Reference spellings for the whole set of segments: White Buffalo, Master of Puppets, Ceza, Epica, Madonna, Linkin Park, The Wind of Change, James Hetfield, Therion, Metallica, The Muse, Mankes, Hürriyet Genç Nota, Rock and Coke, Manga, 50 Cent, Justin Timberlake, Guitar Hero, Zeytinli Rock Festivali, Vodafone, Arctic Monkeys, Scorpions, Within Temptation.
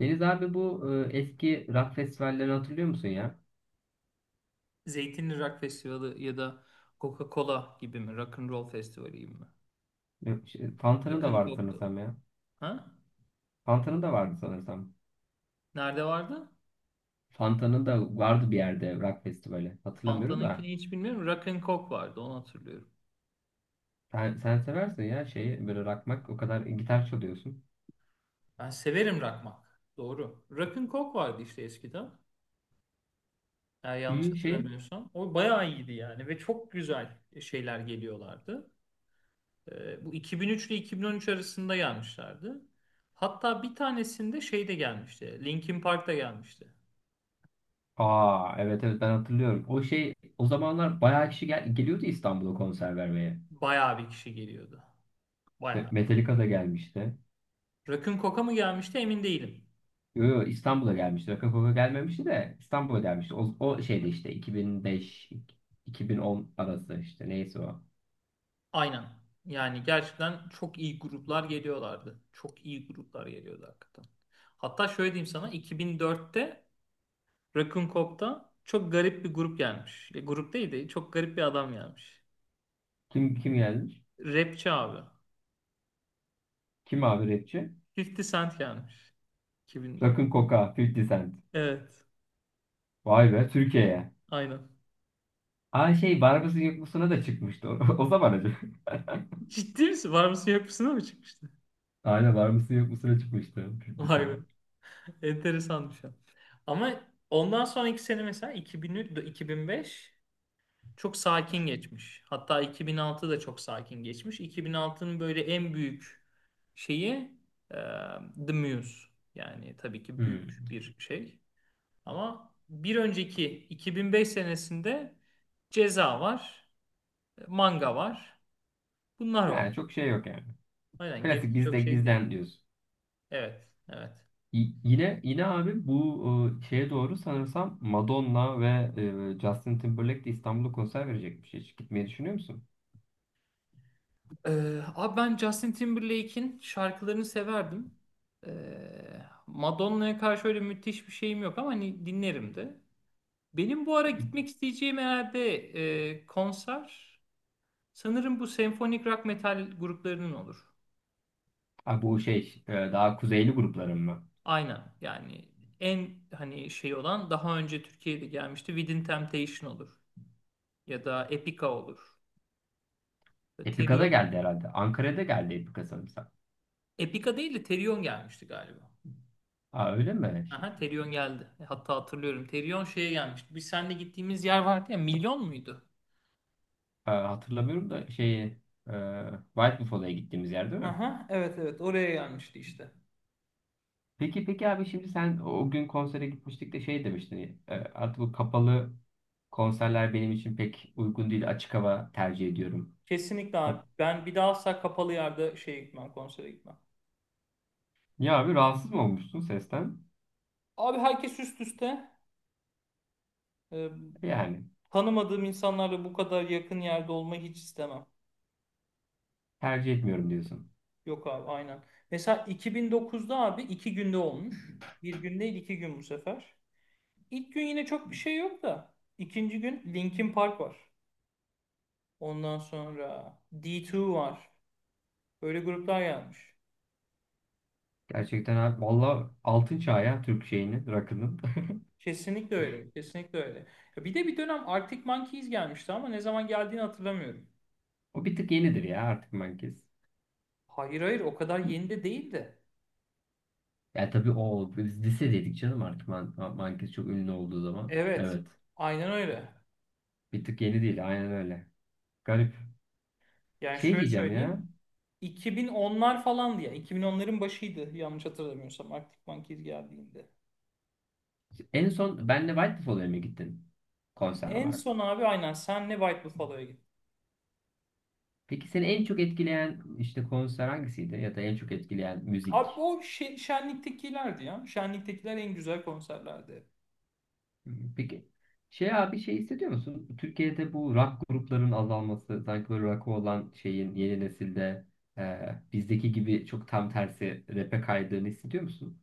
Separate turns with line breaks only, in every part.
Deniz abi bu eski rock festivallerini hatırlıyor musun ya?
Zeytinli Rock Festivali ya da Coca-Cola gibi mi? Rock and Roll Festivali gibi mi?
Yok, Fanta'nın
Rock
da
and
vardı
Coke'tu.
sanırsam ya.
Ha?
Fanta'nın da vardı sanırsam.
Nerede vardı?
Fanta'nın da vardı bir yerde rock festivali. Hatırlamıyorum da.
Fanta'nınkini hiç bilmiyorum. Rock and Coke vardı, onu hatırlıyorum.
Sen seversin ya şeyi böyle rockmak o kadar gitar çalıyorsun.
Ben severim rakmak. Doğru. Rock and Coke vardı işte eskiden, eğer yanlış
İyi şey.
hatırlamıyorsam. O bayağı iyiydi yani ve çok güzel şeyler geliyorlardı. Bu 2003 ile 2013 arasında gelmişlerdi. Hatta bir tanesinde şey de gelmişti. Linkin Park da gelmişti.
Aa, evet, evet, ben hatırlıyorum. O şey, o zamanlar bayağı kişi geliyordu İstanbul'a konser vermeye.
Bayağı bir kişi geliyordu.
İşte
Bayağı.
Metallica da gelmişti.
Rakun Koka mı gelmişti emin değilim.
Yo, yo, İstanbul'a gelmişti. Rock'n'Roll'a gelmemişti de İstanbul'a gelmişti. O şeyde işte 2005 2010 arası işte neyse o.
Aynen. Yani gerçekten çok iyi gruplar geliyorlardı. Çok iyi gruplar geliyordu hakikaten. Hatta şöyle diyeyim sana, 2004'te Rakun Kok'ta çok garip bir grup gelmiş. Grup değil de çok garip bir adam gelmiş.
Kim kim gelmiş?
Rapçi abi.
Kim abi rapçi?
50 Cent gelmiş, 2004.
Rock'n Coca, 50 Cent.
Evet.
Vay be Türkiye'ye.
Aynen.
Aa şey, Var mısın Yok musuna da çıkmıştı o, o zaman acaba.
Ciddi misin? Var mısın yok musun mı çıkmıştı?
Aynen, Var mısın Yok musuna çıkmıştı 50
Vay
Cent.
be. Enteresan bir şey. Ama ondan sonraki sene mesela 2003, 2005 çok sakin geçmiş. Hatta 2006 da çok sakin geçmiş. 2006'nın böyle en büyük şeyi, e, The Muse. Yani tabii ki
Hmm.
büyük bir şey. Ama bir önceki 2005 senesinde Ceza var, Manga var. Bunlar var.
Yani çok şey yok yani.
Aynen,
Klasik
gerisi çok
bizde
şey değil.
bizden diyorsun.
Evet, evet.
Yine abi bu şeye doğru sanırsam Madonna ve Justin Timberlake de İstanbul'da konser verecekmiş. Hiç gitmeyi düşünüyor musun?
Abi, ben Justin Timberlake'in şarkılarını severdim. Madonna'ya karşı öyle müthiş bir şeyim yok ama hani dinlerim de. Benim bu ara gitmek isteyeceğim herhalde konser, sanırım, bu senfonik rock metal gruplarının olur.
Ha, bu şey daha kuzeyli grupların mı?
Aynen. Yani en hani şey olan daha önce Türkiye'de gelmişti. Within Temptation olur. Ya da Epica olur. Therion
Epica'da
olur.
geldi herhalde. Ankara'da geldi Epica sanırsam.
Epica değil de Therion gelmişti galiba.
Ha, öyle mi? Şey-
Aha, Therion geldi. Hatta hatırlıyorum, Therion şeye gelmişti. Biz seninle gittiğimiz yer vardı ya. Milyon muydu?
hatırlamıyorum da şeyi e, White Buffalo'ya gittiğimiz yer değil mi?
Aha, evet, evet, oraya gelmişti işte.
Peki peki abi, şimdi sen o gün konsere gitmiştik de şey demiştin. Artık bu kapalı konserler benim için pek uygun değil. Açık hava tercih ediyorum.
Kesinlikle abi. Ben bir daha asla kapalı yerde şeye gitmem, konsere gitmem.
Ya abi, rahatsız mı olmuşsun sesten?
Abi, herkes üst üste. Ee,
Yani
Tanımadığım insanlarla bu kadar yakın yerde olmayı hiç istemem.
tercih etmiyorum diyorsun.
Yok abi, aynen. Mesela 2009'da abi iki günde olmuş. Bir gün değil, iki gün bu sefer. İlk gün yine çok bir şey yok da, İkinci gün Linkin Park var. Ondan sonra D2 var. Böyle gruplar gelmiş.
Gerçekten abi, valla altın çağı ya Türk şeyinin rakının.
Kesinlikle öyle. Kesinlikle öyle. Ya, bir de bir dönem Arctic Monkeys gelmişti ama ne zaman geldiğini hatırlamıyorum.
O bir tık yenidir ya artık Mankes.
Hayır, hayır, o kadar yeni de değil.
Ya tabii o biz lisedeydik canım, artık Man Mankes çok ünlü olduğu zaman.
Evet.
Evet.
Aynen öyle.
Bir tık yeni değil, aynen öyle. Garip.
Yani
Şey
şöyle
diyeceğim ya.
söyleyeyim, 2010'lar falandı ya. 2010'ların başıydı yanlış hatırlamıyorsam, Arctic Monkeys geldiğinde.
En son benle White Buffalo'ya mı gittin konser
En
olarak?
son abi aynen senle White Buffalo'ya gittim.
Peki seni en çok etkileyen işte konser hangisiydi, ya da en çok etkileyen
Abi
müzik?
o Şenlik'tekilerdi ya. Şenlik'tekiler en güzel konserlerdi.
Peki şey abi, şey hissediyor musun? Türkiye'de bu rock grupların azalması, sanki böyle rock'ı olan şeyin yeni nesilde bizdeki gibi çok tam tersi rap'e kaydığını hissediyor musun?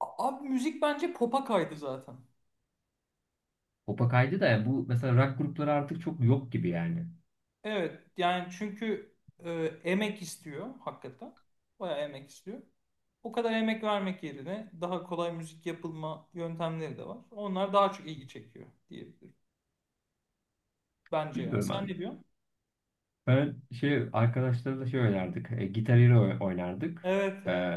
Abi, müzik bence pop'a kaydı zaten.
Pop'a kaydı da, yani bu mesela rock grupları artık çok yok gibi yani.
Evet, yani çünkü e, emek istiyor hakikaten. Bayağı emek istiyor. O kadar emek vermek yerine daha kolay müzik yapılma yöntemleri de var. Onlar daha çok ilgi çekiyor diyebilirim. Bence yani.
Bilmiyorum
Sen
abi.
ne diyorsun?
Ben şey arkadaşlarla şey oynardık. E, Guitar Hero oynardık.
Evet,
E,
evet.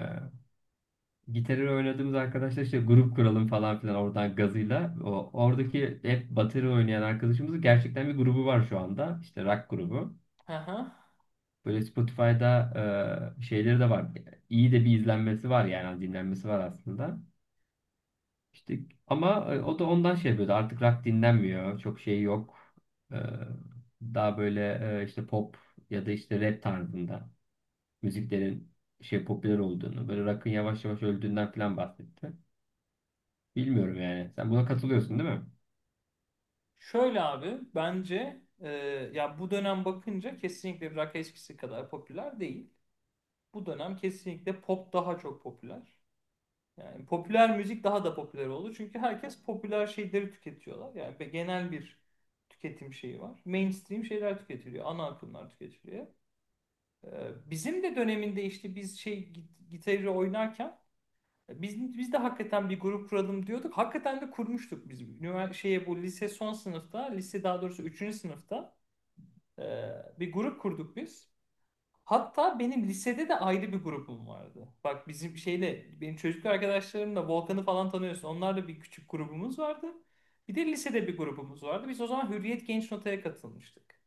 Gitarı oynadığımız arkadaşlar işte grup kuralım falan filan, oradan gazıyla. O, oradaki hep bateri oynayan arkadaşımızın gerçekten bir grubu var şu anda. İşte rock grubu.
Aha.
Böyle Spotify'da şeyleri de var. İyi de bir izlenmesi var, yani dinlenmesi var aslında. İşte ama o da ondan şey yapıyordu. Artık rock dinlenmiyor. Çok şey yok. E, Daha böyle işte pop ya da işte rap tarzında müziklerin şey popüler olduğunu, böyle rock'ın yavaş yavaş öldüğünden falan bahsetti. Bilmiyorum yani. Sen buna katılıyorsun değil mi?
Şöyle abi, bence ya bu dönem bakınca kesinlikle rock eskisi kadar popüler değil. Bu dönem kesinlikle pop daha çok popüler. Yani popüler müzik daha da popüler oldu. Çünkü herkes popüler şeyleri tüketiyorlar. Yani genel bir tüketim şeyi var. Mainstream şeyler tüketiliyor. Ana akımlar tüketiliyor. E, Bizim de döneminde işte biz şey gitarı oynarken biz de hakikaten bir grup kuralım diyorduk. Hakikaten de kurmuştuk biz. Şeye bu lise son sınıfta, lise daha doğrusu üçüncü sınıfta e, bir grup kurduk biz. Hatta benim lisede de ayrı bir grubum vardı. Bak, bizim şeyle, benim çocukluk arkadaşlarımla, Volkan'ı falan tanıyorsun. Onlarla bir küçük grubumuz vardı. Bir de lisede bir grubumuz vardı. Biz o zaman Hürriyet Genç Nota'ya katılmıştık.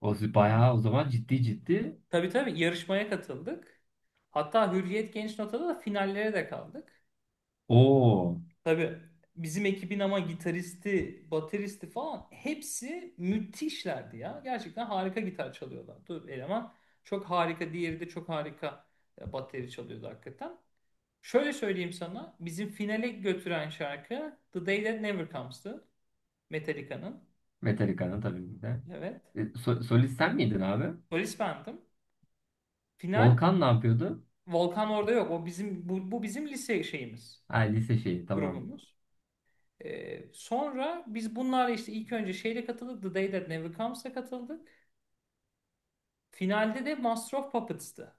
O z- bayağı o zaman ciddi ciddi
Tabii, tabii, yarışmaya katıldık. Hatta Hürriyet Genç Nota'da da finallere de kaldık.
o
Tabii, bizim ekibin ama gitaristi, bateristi falan hepsi müthişlerdi ya. Gerçekten harika gitar çalıyorlardı. Eleman çok harika, diğeri de çok harika bateri çalıyordu hakikaten. Şöyle söyleyeyim sana, bizim finale götüren şarkı The Day That Never Comes'tı. Metallica'nın.
Metallica'nın, tabii ki de.
Evet.
Solist sen miydin abi?
Polis bendim. Final.
Volkan ne yapıyordu?
Volkan orada yok. O bizim bu, bizim lise şeyimiz,
Ha, lise şeyi tamam.
grubumuz. Sonra biz bunlarla işte ilk önce şeyle katıldık. The Day That Never Comes'a katıldık. Finalde de Master of Puppets'tı.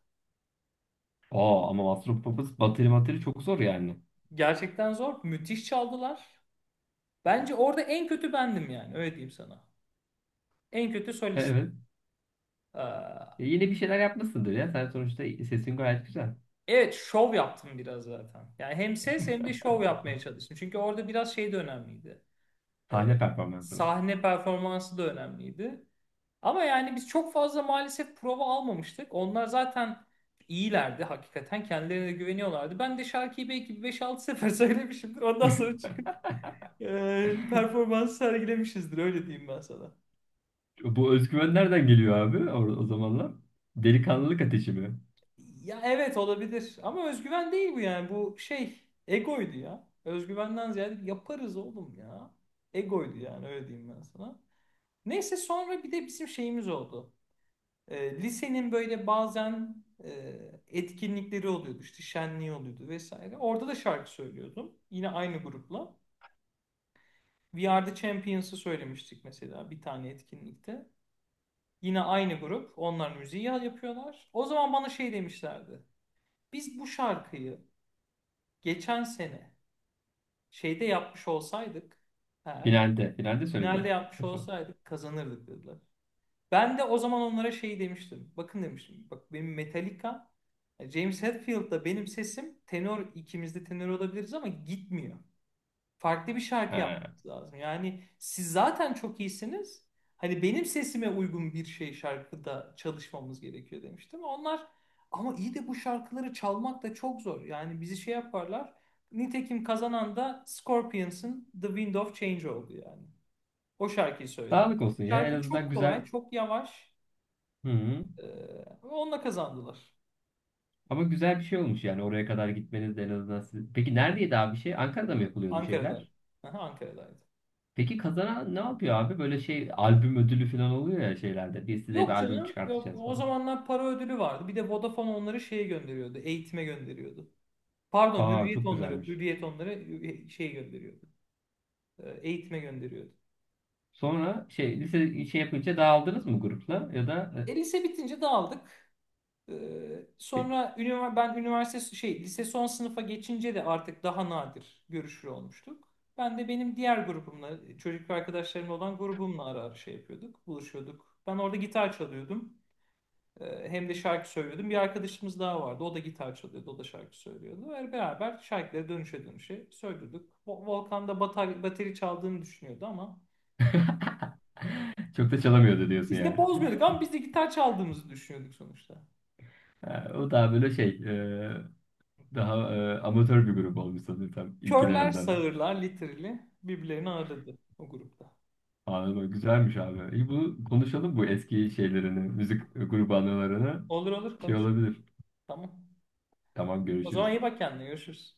Oo ama Master of Puppets bateri materi çok zor yani.
Gerçekten zor. Müthiş çaldılar. Bence orada en kötü bendim yani. Öyle diyeyim sana. En kötü solist.
Evet.
Ee,
Yine bir şeyler yapmışsındır ya. Sen sonuçta sesin gayet güzel.
evet, şov yaptım biraz zaten. Yani hem ses hem de şov yapmaya çalıştım. Çünkü orada biraz şey de önemliydi.
Sahne
Ee,
performansı mı?
Sahne performansı da önemliydi. Ama yani biz çok fazla maalesef prova almamıştık. Onlar zaten iyilerdi hakikaten. Kendilerine de güveniyorlardı. Ben de şarkıyı belki bir 5-6 sefer söylemişimdir. Ondan sonra çıkıp performans sergilemişizdir, öyle diyeyim ben sana.
Bu özgüven nereden geliyor abi o zamanlar? Delikanlılık ateşi mi?
Ya, evet, olabilir ama özgüven değil bu, yani bu şey egoydu ya. Özgüvenden ziyade yaparız oğlum ya. Egoydu yani, öyle diyeyim ben sana. Neyse, sonra bir de bizim şeyimiz oldu. Lisenin böyle bazen etkinlikleri oluyordu, işte şenliği oluyordu vesaire. Orada da şarkı söylüyordum yine aynı grupla. We Are The Champions'ı söylemiştik mesela bir tane etkinlikte. Yine aynı grup. Onlar müziği yapıyorlar. O zaman bana şey demişlerdi. Biz bu şarkıyı geçen sene şeyde yapmış olsaydık eğer,
Finalde. Finalde
finalde
söyledi.
yapmış
Kaç o?
olsaydık, kazanırdık dediler. Ben de o zaman onlara şey demiştim. Bakın demiştim. Bak, benim Metallica, James Hetfield'da benim sesim tenor, ikimiz de tenor olabiliriz ama gitmiyor. Farklı bir şarkı
Ha.
yapmanız lazım. Yani siz zaten çok iyisiniz. Hani benim sesime uygun bir şey, şarkıda çalışmamız gerekiyor demiştim. Onlar, ama iyi de bu şarkıları çalmak da çok zor. Yani bizi şey yaparlar. Nitekim kazanan da Scorpions'ın The Wind of Change oldu yani. O şarkıyı söylediler.
Sağlık olsun ya. En
Şarkı
azından
çok
güzel.
kolay, çok yavaş.
Hı-hı.
Ee, Onunla kazandılar.
Ama güzel bir şey olmuş yani, oraya kadar gitmeniz de en azından. Siz- Peki neredeydi abi şey? Ankara'da mı yapılıyordu
Ankara'daydı.
şeyler?
Aha, Ankara'daydı.
Peki kazanan ne yapıyor abi? Böyle şey albüm ödülü falan oluyor ya şeylerde. Biz size bir
Yok
albüm
canım. Yok.
çıkartacağız
O
falan.
zamanlar para ödülü vardı. Bir de Vodafone onları şeye gönderiyordu. Eğitime gönderiyordu. Pardon,
Aa
Hürriyet
çok
onları.
güzelmiş.
Hürriyet onları şey gönderiyordu. Eğitime gönderiyordu.
Sonra şey lise şey yapınca dağıldınız mı grupla, ya da
Lise bitince dağıldık. E, Sonra ben üniversite şey, lise son sınıfa geçince de artık daha nadir görüşür olmuştuk. Ben de benim diğer grubumla, çocuk arkadaşlarımla olan grubumla ara ara şey yapıyorduk, buluşuyorduk. Ben orada gitar çalıyordum. Hem de şarkı söylüyordum. Bir arkadaşımız daha vardı. O da gitar çalıyordu. O da şarkı söylüyordu. Ve beraber şarkıları dönüşe dönüşe söylüyorduk. Volkan da bateri çaldığını düşünüyordu ama
çok da çalamıyordu diyorsun
biz de
yani.
bozmuyorduk, ama biz de gitar çaldığımızı düşünüyorduk sonuçta.
Ha, o daha böyle şey daha amatör bir grup olmuş sanırım tam ilkine
Körler
nazaran.
sağırlar literally birbirlerini ağırladı o grupta.
Anladım. Güzelmiş abi. İyi bu konuşalım bu eski şeylerini, müzik grubu anılarını.
Olur, olur,
Şey
konuşalım.
olabilir.
Tamam.
Tamam,
O zaman
görüşürüz.
iyi bak kendine. Görüşürüz.